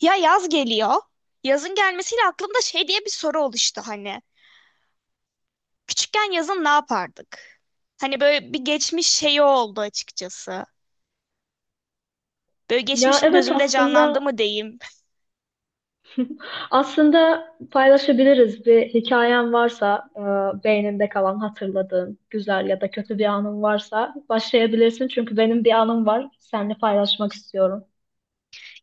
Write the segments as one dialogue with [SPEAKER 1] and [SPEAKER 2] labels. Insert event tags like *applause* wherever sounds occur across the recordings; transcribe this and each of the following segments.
[SPEAKER 1] Ya, yaz geliyor. Yazın gelmesiyle aklımda şey diye bir soru oluştu hani. Küçükken yazın ne yapardık? Hani böyle bir geçmiş şeyi oldu açıkçası. Böyle
[SPEAKER 2] Ya
[SPEAKER 1] geçmişim
[SPEAKER 2] evet
[SPEAKER 1] gözümde canlandı
[SPEAKER 2] aslında
[SPEAKER 1] mı diyeyim.
[SPEAKER 2] *laughs* aslında paylaşabiliriz bir hikayen varsa beyninde kalan hatırladığın güzel ya da kötü bir anın varsa başlayabilirsin çünkü benim bir anım var seninle paylaşmak istiyorum.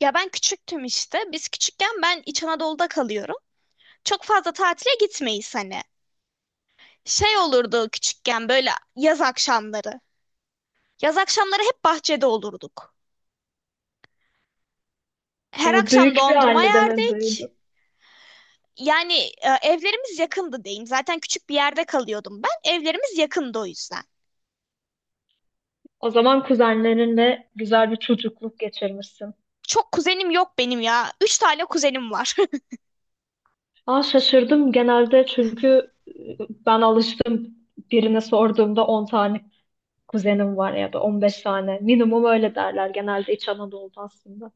[SPEAKER 1] Ya ben küçüktüm işte. Biz küçükken ben İç Anadolu'da kalıyorum. Çok fazla tatile gitmeyiz hani. Şey olurdu küçükken böyle yaz akşamları. Yaz akşamları hep bahçede olurduk. Her akşam
[SPEAKER 2] Büyük bir
[SPEAKER 1] dondurma
[SPEAKER 2] ailedemin
[SPEAKER 1] yerdik.
[SPEAKER 2] büyüdüm.
[SPEAKER 1] Yani evlerimiz yakındı diyeyim. Zaten küçük bir yerde kalıyordum ben. Evlerimiz yakındı o yüzden.
[SPEAKER 2] O zaman kuzenlerinle güzel bir çocukluk geçirmişsin.
[SPEAKER 1] Çok kuzenim yok benim ya. Üç tane kuzenim var.
[SPEAKER 2] Aa, şaşırdım genelde çünkü ben alıştım birine sorduğumda 10 tane kuzenim var ya da 15 tane minimum öyle derler genelde İç Anadolu'da aslında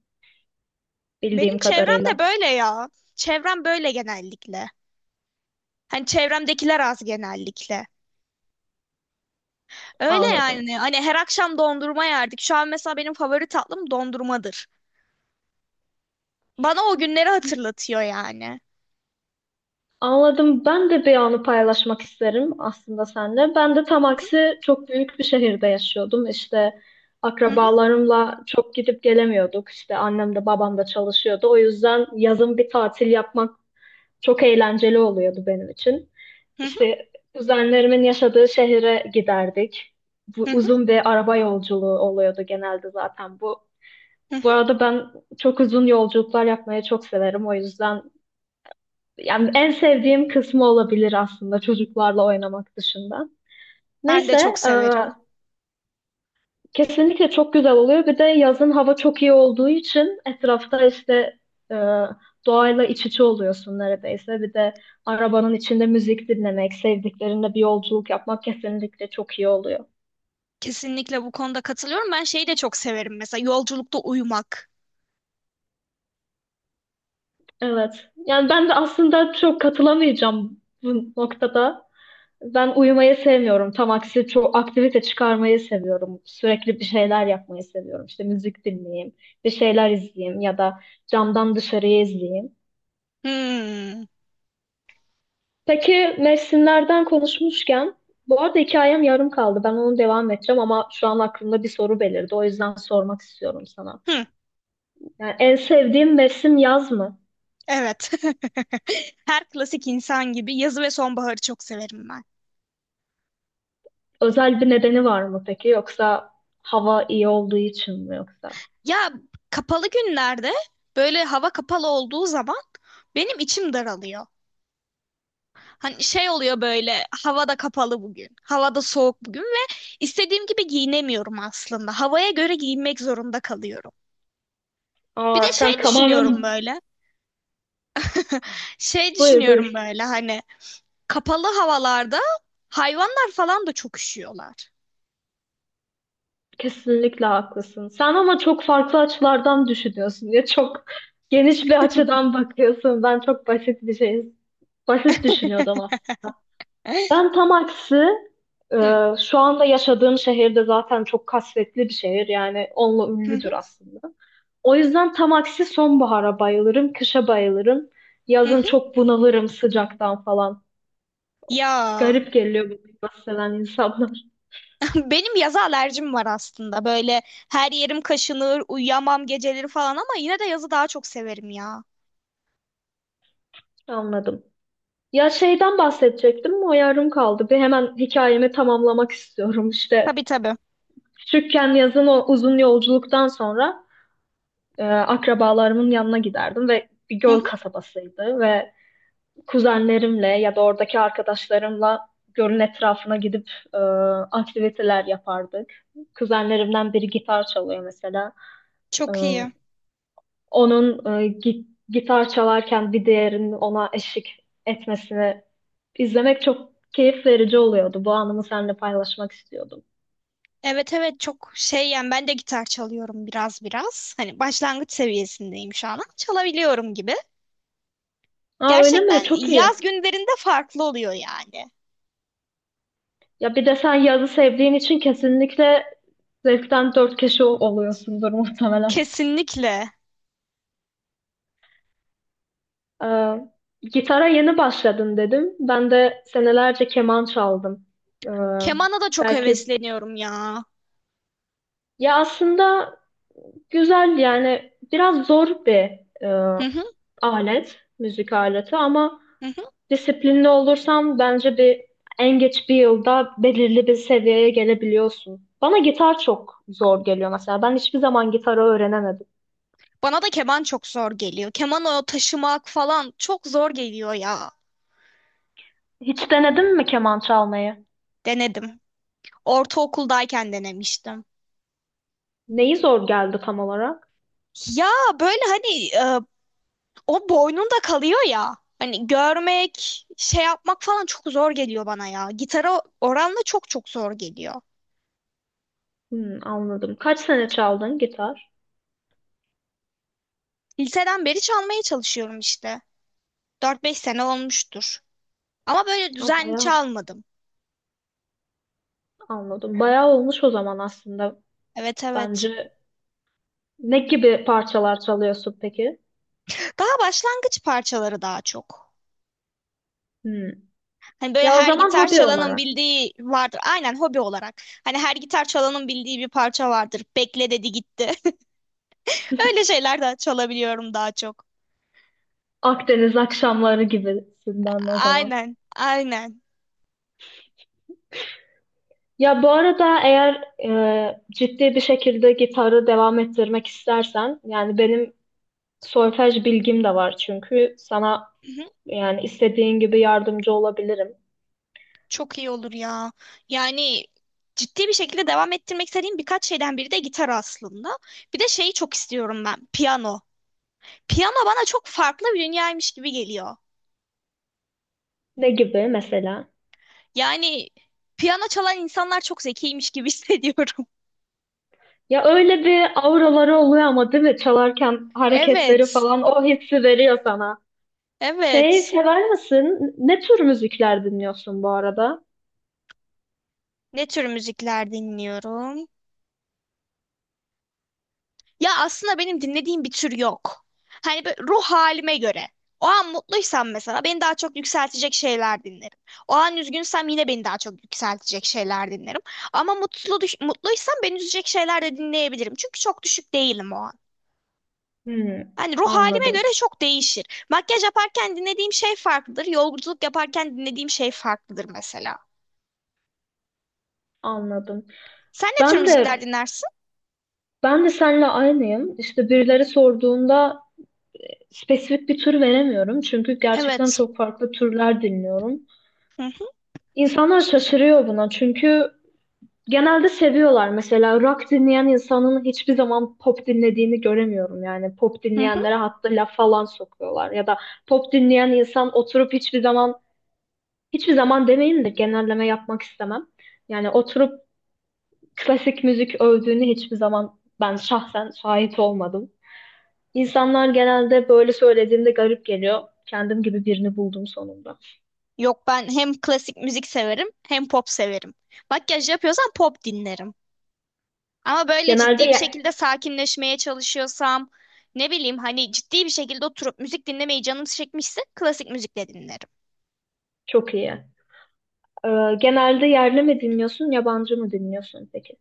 [SPEAKER 1] *laughs* Benim
[SPEAKER 2] bildiğim
[SPEAKER 1] çevrem de
[SPEAKER 2] kadarıyla
[SPEAKER 1] böyle ya. Çevrem böyle genellikle. Hani çevremdekiler az genellikle. Öyle
[SPEAKER 2] anladım.
[SPEAKER 1] yani. Hani her akşam dondurma yerdik. Şu an mesela benim favori tatlım dondurmadır. Bana o günleri hatırlatıyor yani.
[SPEAKER 2] Anladım. Ben de bir anı paylaşmak isterim aslında seninle. Ben de tam aksi çok büyük bir şehirde yaşıyordum. İşte
[SPEAKER 1] Hı hı,
[SPEAKER 2] akrabalarımla çok gidip gelemiyorduk. İşte annem de babam da çalışıyordu. O yüzden yazın bir tatil yapmak çok eğlenceli oluyordu benim için.
[SPEAKER 1] hı hı,
[SPEAKER 2] İşte kuzenlerimin yaşadığı şehre giderdik. Bu
[SPEAKER 1] hı hı,
[SPEAKER 2] uzun bir araba yolculuğu oluyordu genelde zaten bu.
[SPEAKER 1] hı
[SPEAKER 2] Bu
[SPEAKER 1] hı.
[SPEAKER 2] arada ben çok uzun yolculuklar yapmayı çok severim. O yüzden yani en sevdiğim kısmı olabilir aslında çocuklarla oynamak dışında.
[SPEAKER 1] Ben de
[SPEAKER 2] Neyse,
[SPEAKER 1] çok
[SPEAKER 2] e,
[SPEAKER 1] severim.
[SPEAKER 2] kesinlikle çok güzel oluyor. Bir de yazın hava çok iyi olduğu için etrafta işte e, doğayla iç içe oluyorsun neredeyse. Bir de arabanın içinde müzik dinlemek, sevdiklerinle bir yolculuk yapmak kesinlikle çok iyi oluyor.
[SPEAKER 1] Kesinlikle bu konuda katılıyorum. Ben şeyi de çok severim mesela yolculukta uyumak.
[SPEAKER 2] Evet. Yani ben de aslında çok katılamayacağım bu noktada. Ben uyumayı sevmiyorum. Tam aksi çok aktivite çıkarmayı seviyorum. Sürekli bir şeyler yapmayı seviyorum. İşte müzik dinleyeyim, bir şeyler izleyeyim ya da camdan dışarıyı izleyeyim.
[SPEAKER 1] Hmm.
[SPEAKER 2] Peki mevsimlerden konuşmuşken bu arada hikayem yarım kaldı. Ben onu devam edeceğim ama şu an aklımda bir soru belirdi. O yüzden sormak istiyorum sana.
[SPEAKER 1] Hı,
[SPEAKER 2] Yani en sevdiğin mevsim yaz mı?
[SPEAKER 1] evet. *laughs* Her klasik insan gibi yazı ve sonbaharı çok severim ben.
[SPEAKER 2] Özel bir nedeni var mı peki? Yoksa hava iyi olduğu için mi yoksa?
[SPEAKER 1] Ya kapalı günlerde böyle hava kapalı olduğu zaman benim içim daralıyor. Hani şey oluyor böyle havada kapalı bugün, havada soğuk bugün ve istediğim gibi giyinemiyorum aslında. Havaya göre giyinmek zorunda kalıyorum. Bir
[SPEAKER 2] Aa,
[SPEAKER 1] de şey
[SPEAKER 2] sen tamamen
[SPEAKER 1] düşünüyorum
[SPEAKER 2] *laughs*
[SPEAKER 1] böyle, şey
[SPEAKER 2] buyur
[SPEAKER 1] düşünüyorum
[SPEAKER 2] buyur.
[SPEAKER 1] böyle hani kapalı havalarda hayvanlar falan da çok üşüyorlar.
[SPEAKER 2] Kesinlikle haklısın. Sen ama çok farklı açılardan düşünüyorsun ya çok geniş bir açıdan bakıyorsun. Ben çok basit bir şey, basit düşünüyordum
[SPEAKER 1] *laughs*
[SPEAKER 2] aslında.
[SPEAKER 1] Hı,
[SPEAKER 2] Ben tam aksi e,
[SPEAKER 1] hı,
[SPEAKER 2] şu anda yaşadığım şehirde zaten çok kasvetli bir şehir yani onunla
[SPEAKER 1] hı,
[SPEAKER 2] ünlüdür aslında. O yüzden tam aksi sonbahara bayılırım, kışa bayılırım. Yazın
[SPEAKER 1] hı.
[SPEAKER 2] çok bunalırım sıcaktan falan.
[SPEAKER 1] Ya.
[SPEAKER 2] Garip geliyor bu klimayı seven insanlar. *laughs*
[SPEAKER 1] Benim yaza alerjim var aslında. Böyle her yerim kaşınır, uyuyamam geceleri falan ama yine de yazı daha çok severim ya.
[SPEAKER 2] Anladım. Ya şeyden bahsedecektim o yarım kaldı. Bir hemen hikayemi tamamlamak istiyorum. İşte
[SPEAKER 1] Tabii tabii.
[SPEAKER 2] küçükken yazın o uzun yolculuktan sonra akrabalarımın yanına giderdim ve bir
[SPEAKER 1] Hı
[SPEAKER 2] göl
[SPEAKER 1] hı.
[SPEAKER 2] kasabasıydı ve kuzenlerimle ya da oradaki arkadaşlarımla gölün etrafına gidip aktiviteler yapardık. Kuzenlerimden biri gitar çalıyor mesela. E,
[SPEAKER 1] Çok iyi.
[SPEAKER 2] Onun gitar çalarken bir diğerinin ona eşlik etmesini izlemek çok keyif verici oluyordu. Bu anımı seninle paylaşmak istiyordum.
[SPEAKER 1] Evet evet çok şey yani ben de gitar çalıyorum biraz biraz. Hani başlangıç seviyesindeyim şu an ama çalabiliyorum gibi.
[SPEAKER 2] Aa, öyle mi?
[SPEAKER 1] Gerçekten
[SPEAKER 2] Çok
[SPEAKER 1] yaz
[SPEAKER 2] iyi.
[SPEAKER 1] günlerinde farklı oluyor yani.
[SPEAKER 2] Ya bir de sen yazı sevdiğin için kesinlikle zevkten dört kişi oluyorsundur muhtemelen.
[SPEAKER 1] Kesinlikle.
[SPEAKER 2] Ee, Gitara yeni başladın dedim. Ben de senelerce keman çaldım. Ee,
[SPEAKER 1] Kemana da çok
[SPEAKER 2] Belki
[SPEAKER 1] hevesleniyorum ya.
[SPEAKER 2] ya aslında güzel yani biraz zor bir e,
[SPEAKER 1] Hı hı,
[SPEAKER 2] alet, müzik aleti ama
[SPEAKER 1] hı hı.
[SPEAKER 2] disiplinli olursan bence bir en geç bir yılda belirli bir seviyeye gelebiliyorsun. Bana gitar çok zor geliyor mesela. Ben hiçbir zaman gitarı öğrenemedim.
[SPEAKER 1] Bana da keman çok zor geliyor. Keman o taşımak falan çok zor geliyor ya.
[SPEAKER 2] Hiç denedin mi keman çalmayı?
[SPEAKER 1] Denedim. Ortaokuldayken denemiştim.
[SPEAKER 2] Neyi zor geldi tam olarak?
[SPEAKER 1] Ya böyle hani o boynunda kalıyor ya. Hani görmek, şey yapmak falan çok zor geliyor bana ya. Gitara oranla çok çok zor geliyor.
[SPEAKER 2] Hmm, anladım. Kaç sene çaldın gitar?
[SPEAKER 1] Liseden beri çalmaya çalışıyorum işte. Dört beş sene olmuştur. Ama böyle
[SPEAKER 2] Ha,
[SPEAKER 1] düzenli
[SPEAKER 2] bayağı
[SPEAKER 1] çalmadım.
[SPEAKER 2] anladım. Bayağı olmuş o zaman aslında
[SPEAKER 1] Evet evet.
[SPEAKER 2] bence. Ne gibi parçalar çalıyorsun peki?
[SPEAKER 1] Daha başlangıç parçaları daha çok.
[SPEAKER 2] Hmm.
[SPEAKER 1] Hani böyle
[SPEAKER 2] Ya o
[SPEAKER 1] her
[SPEAKER 2] zaman
[SPEAKER 1] gitar
[SPEAKER 2] hobi
[SPEAKER 1] çalanın
[SPEAKER 2] olarak.
[SPEAKER 1] bildiği vardır. Aynen hobi olarak. Hani her gitar çalanın bildiği bir parça vardır. Bekle dedi gitti. Öyle şeyler de çalabiliyorum daha çok.
[SPEAKER 2] Akdeniz akşamları gibisinden o zaman.
[SPEAKER 1] Aynen, aynen.
[SPEAKER 2] Ya bu arada eğer ciddi bir şekilde gitarı devam ettirmek istersen, yani benim solfej bilgim de var çünkü sana
[SPEAKER 1] Hı hı.
[SPEAKER 2] yani istediğin gibi yardımcı olabilirim.
[SPEAKER 1] Çok iyi olur ya. Yani ciddi bir şekilde devam ettirmek istediğim birkaç şeyden biri de gitar aslında. Bir de şeyi çok istiyorum ben, piyano. Piyano bana çok farklı bir dünyaymış gibi geliyor.
[SPEAKER 2] Ne gibi mesela?
[SPEAKER 1] Yani piyano çalan insanlar çok zekiymiş gibi *laughs* hissediyorum.
[SPEAKER 2] Ya öyle bir auraları oluyor ama değil mi? Çalarken hareketleri
[SPEAKER 1] Evet,
[SPEAKER 2] falan o hissi veriyor sana. Şey
[SPEAKER 1] evet.
[SPEAKER 2] sever misin? Ne tür müzikler dinliyorsun bu arada?
[SPEAKER 1] Ne tür müzikler dinliyorum? Ya aslında benim dinlediğim bir tür yok. Hani böyle ruh halime göre. O an mutluysam mesela beni daha çok yükseltecek şeyler dinlerim. O an üzgünsem yine beni daha çok yükseltecek şeyler dinlerim. Ama mutluysam beni üzecek şeyler de dinleyebilirim. Çünkü çok düşük değilim o an.
[SPEAKER 2] Hmm,
[SPEAKER 1] Hani ruh halime göre
[SPEAKER 2] anladım.
[SPEAKER 1] çok değişir. Makyaj yaparken dinlediğim şey farklıdır. Yolculuk yaparken dinlediğim şey farklıdır mesela.
[SPEAKER 2] Anladım.
[SPEAKER 1] Sen ne tür
[SPEAKER 2] Ben
[SPEAKER 1] müzikler
[SPEAKER 2] de
[SPEAKER 1] dinlersin?
[SPEAKER 2] ben de seninle aynıyım. İşte birileri sorduğunda spesifik bir tür veremiyorum. Çünkü gerçekten
[SPEAKER 1] Evet.
[SPEAKER 2] çok farklı türler dinliyorum.
[SPEAKER 1] Hı hı.
[SPEAKER 2] İnsanlar şaşırıyor buna. Çünkü genelde seviyorlar. Mesela rock dinleyen insanın hiçbir zaman pop dinlediğini göremiyorum. Yani pop
[SPEAKER 1] Hı.
[SPEAKER 2] dinleyenlere hatta laf falan sokuyorlar. Ya da pop dinleyen insan oturup hiçbir zaman, hiçbir zaman demeyeyim de genelleme yapmak istemem. Yani oturup klasik müzik övdüğünü hiçbir zaman ben şahsen şahit olmadım. İnsanlar genelde böyle söylediğimde garip geliyor. Kendim gibi birini buldum sonunda.
[SPEAKER 1] Yok ben hem klasik müzik severim hem pop severim. Makyaj yapıyorsam pop dinlerim. Ama böyle
[SPEAKER 2] Genelde
[SPEAKER 1] ciddi bir
[SPEAKER 2] ye-
[SPEAKER 1] şekilde sakinleşmeye çalışıyorsam ne bileyim hani ciddi bir şekilde oturup müzik dinlemeyi canım çekmişse klasik müzikle dinlerim.
[SPEAKER 2] Çok iyi. Genelde yerli mi dinliyorsun, yabancı mı dinliyorsun peki?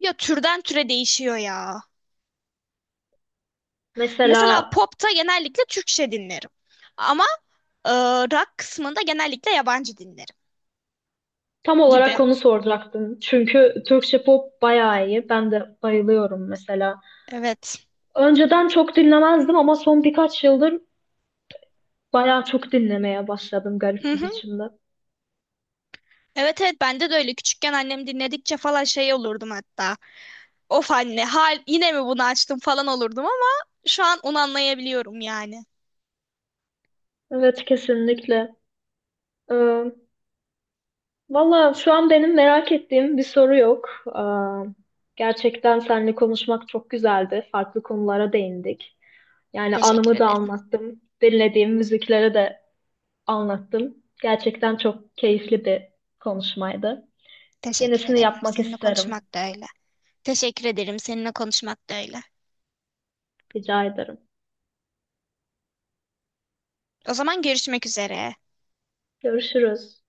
[SPEAKER 1] Ya türden türe değişiyor ya.
[SPEAKER 2] Mesela
[SPEAKER 1] Mesela popta genellikle Türkçe dinlerim. Ama e, rock kısmında genellikle yabancı dinlerim
[SPEAKER 2] tam
[SPEAKER 1] gibi.
[SPEAKER 2] olarak onu soracaktım. Çünkü Türkçe pop bayağı iyi. Ben de bayılıyorum mesela.
[SPEAKER 1] Evet.
[SPEAKER 2] Önceden çok dinlemezdim ama son birkaç yıldır bayağı çok dinlemeye başladım
[SPEAKER 1] Hı
[SPEAKER 2] garip bir
[SPEAKER 1] hı.
[SPEAKER 2] biçimde.
[SPEAKER 1] Evet evet bende de öyle. Küçükken annem dinledikçe falan şey olurdum hatta. Of anne, hal yine mi bunu açtım falan olurdum ama şu an onu anlayabiliyorum yani.
[SPEAKER 2] Evet kesinlikle. Ee, Valla şu an benim merak ettiğim bir soru yok. Gerçekten seninle konuşmak çok güzeldi. Farklı konulara değindik. Yani
[SPEAKER 1] Teşekkür
[SPEAKER 2] anımı da
[SPEAKER 1] ederim.
[SPEAKER 2] anlattım. Dinlediğim müziklere de anlattım. Gerçekten çok keyifli bir konuşmaydı.
[SPEAKER 1] Teşekkür
[SPEAKER 2] Yenisini
[SPEAKER 1] ederim.
[SPEAKER 2] yapmak
[SPEAKER 1] Seninle
[SPEAKER 2] isterim.
[SPEAKER 1] konuşmak da öyle. Teşekkür ederim. Seninle konuşmak da öyle.
[SPEAKER 2] Rica ederim.
[SPEAKER 1] O zaman görüşmek üzere.
[SPEAKER 2] Görüşürüz.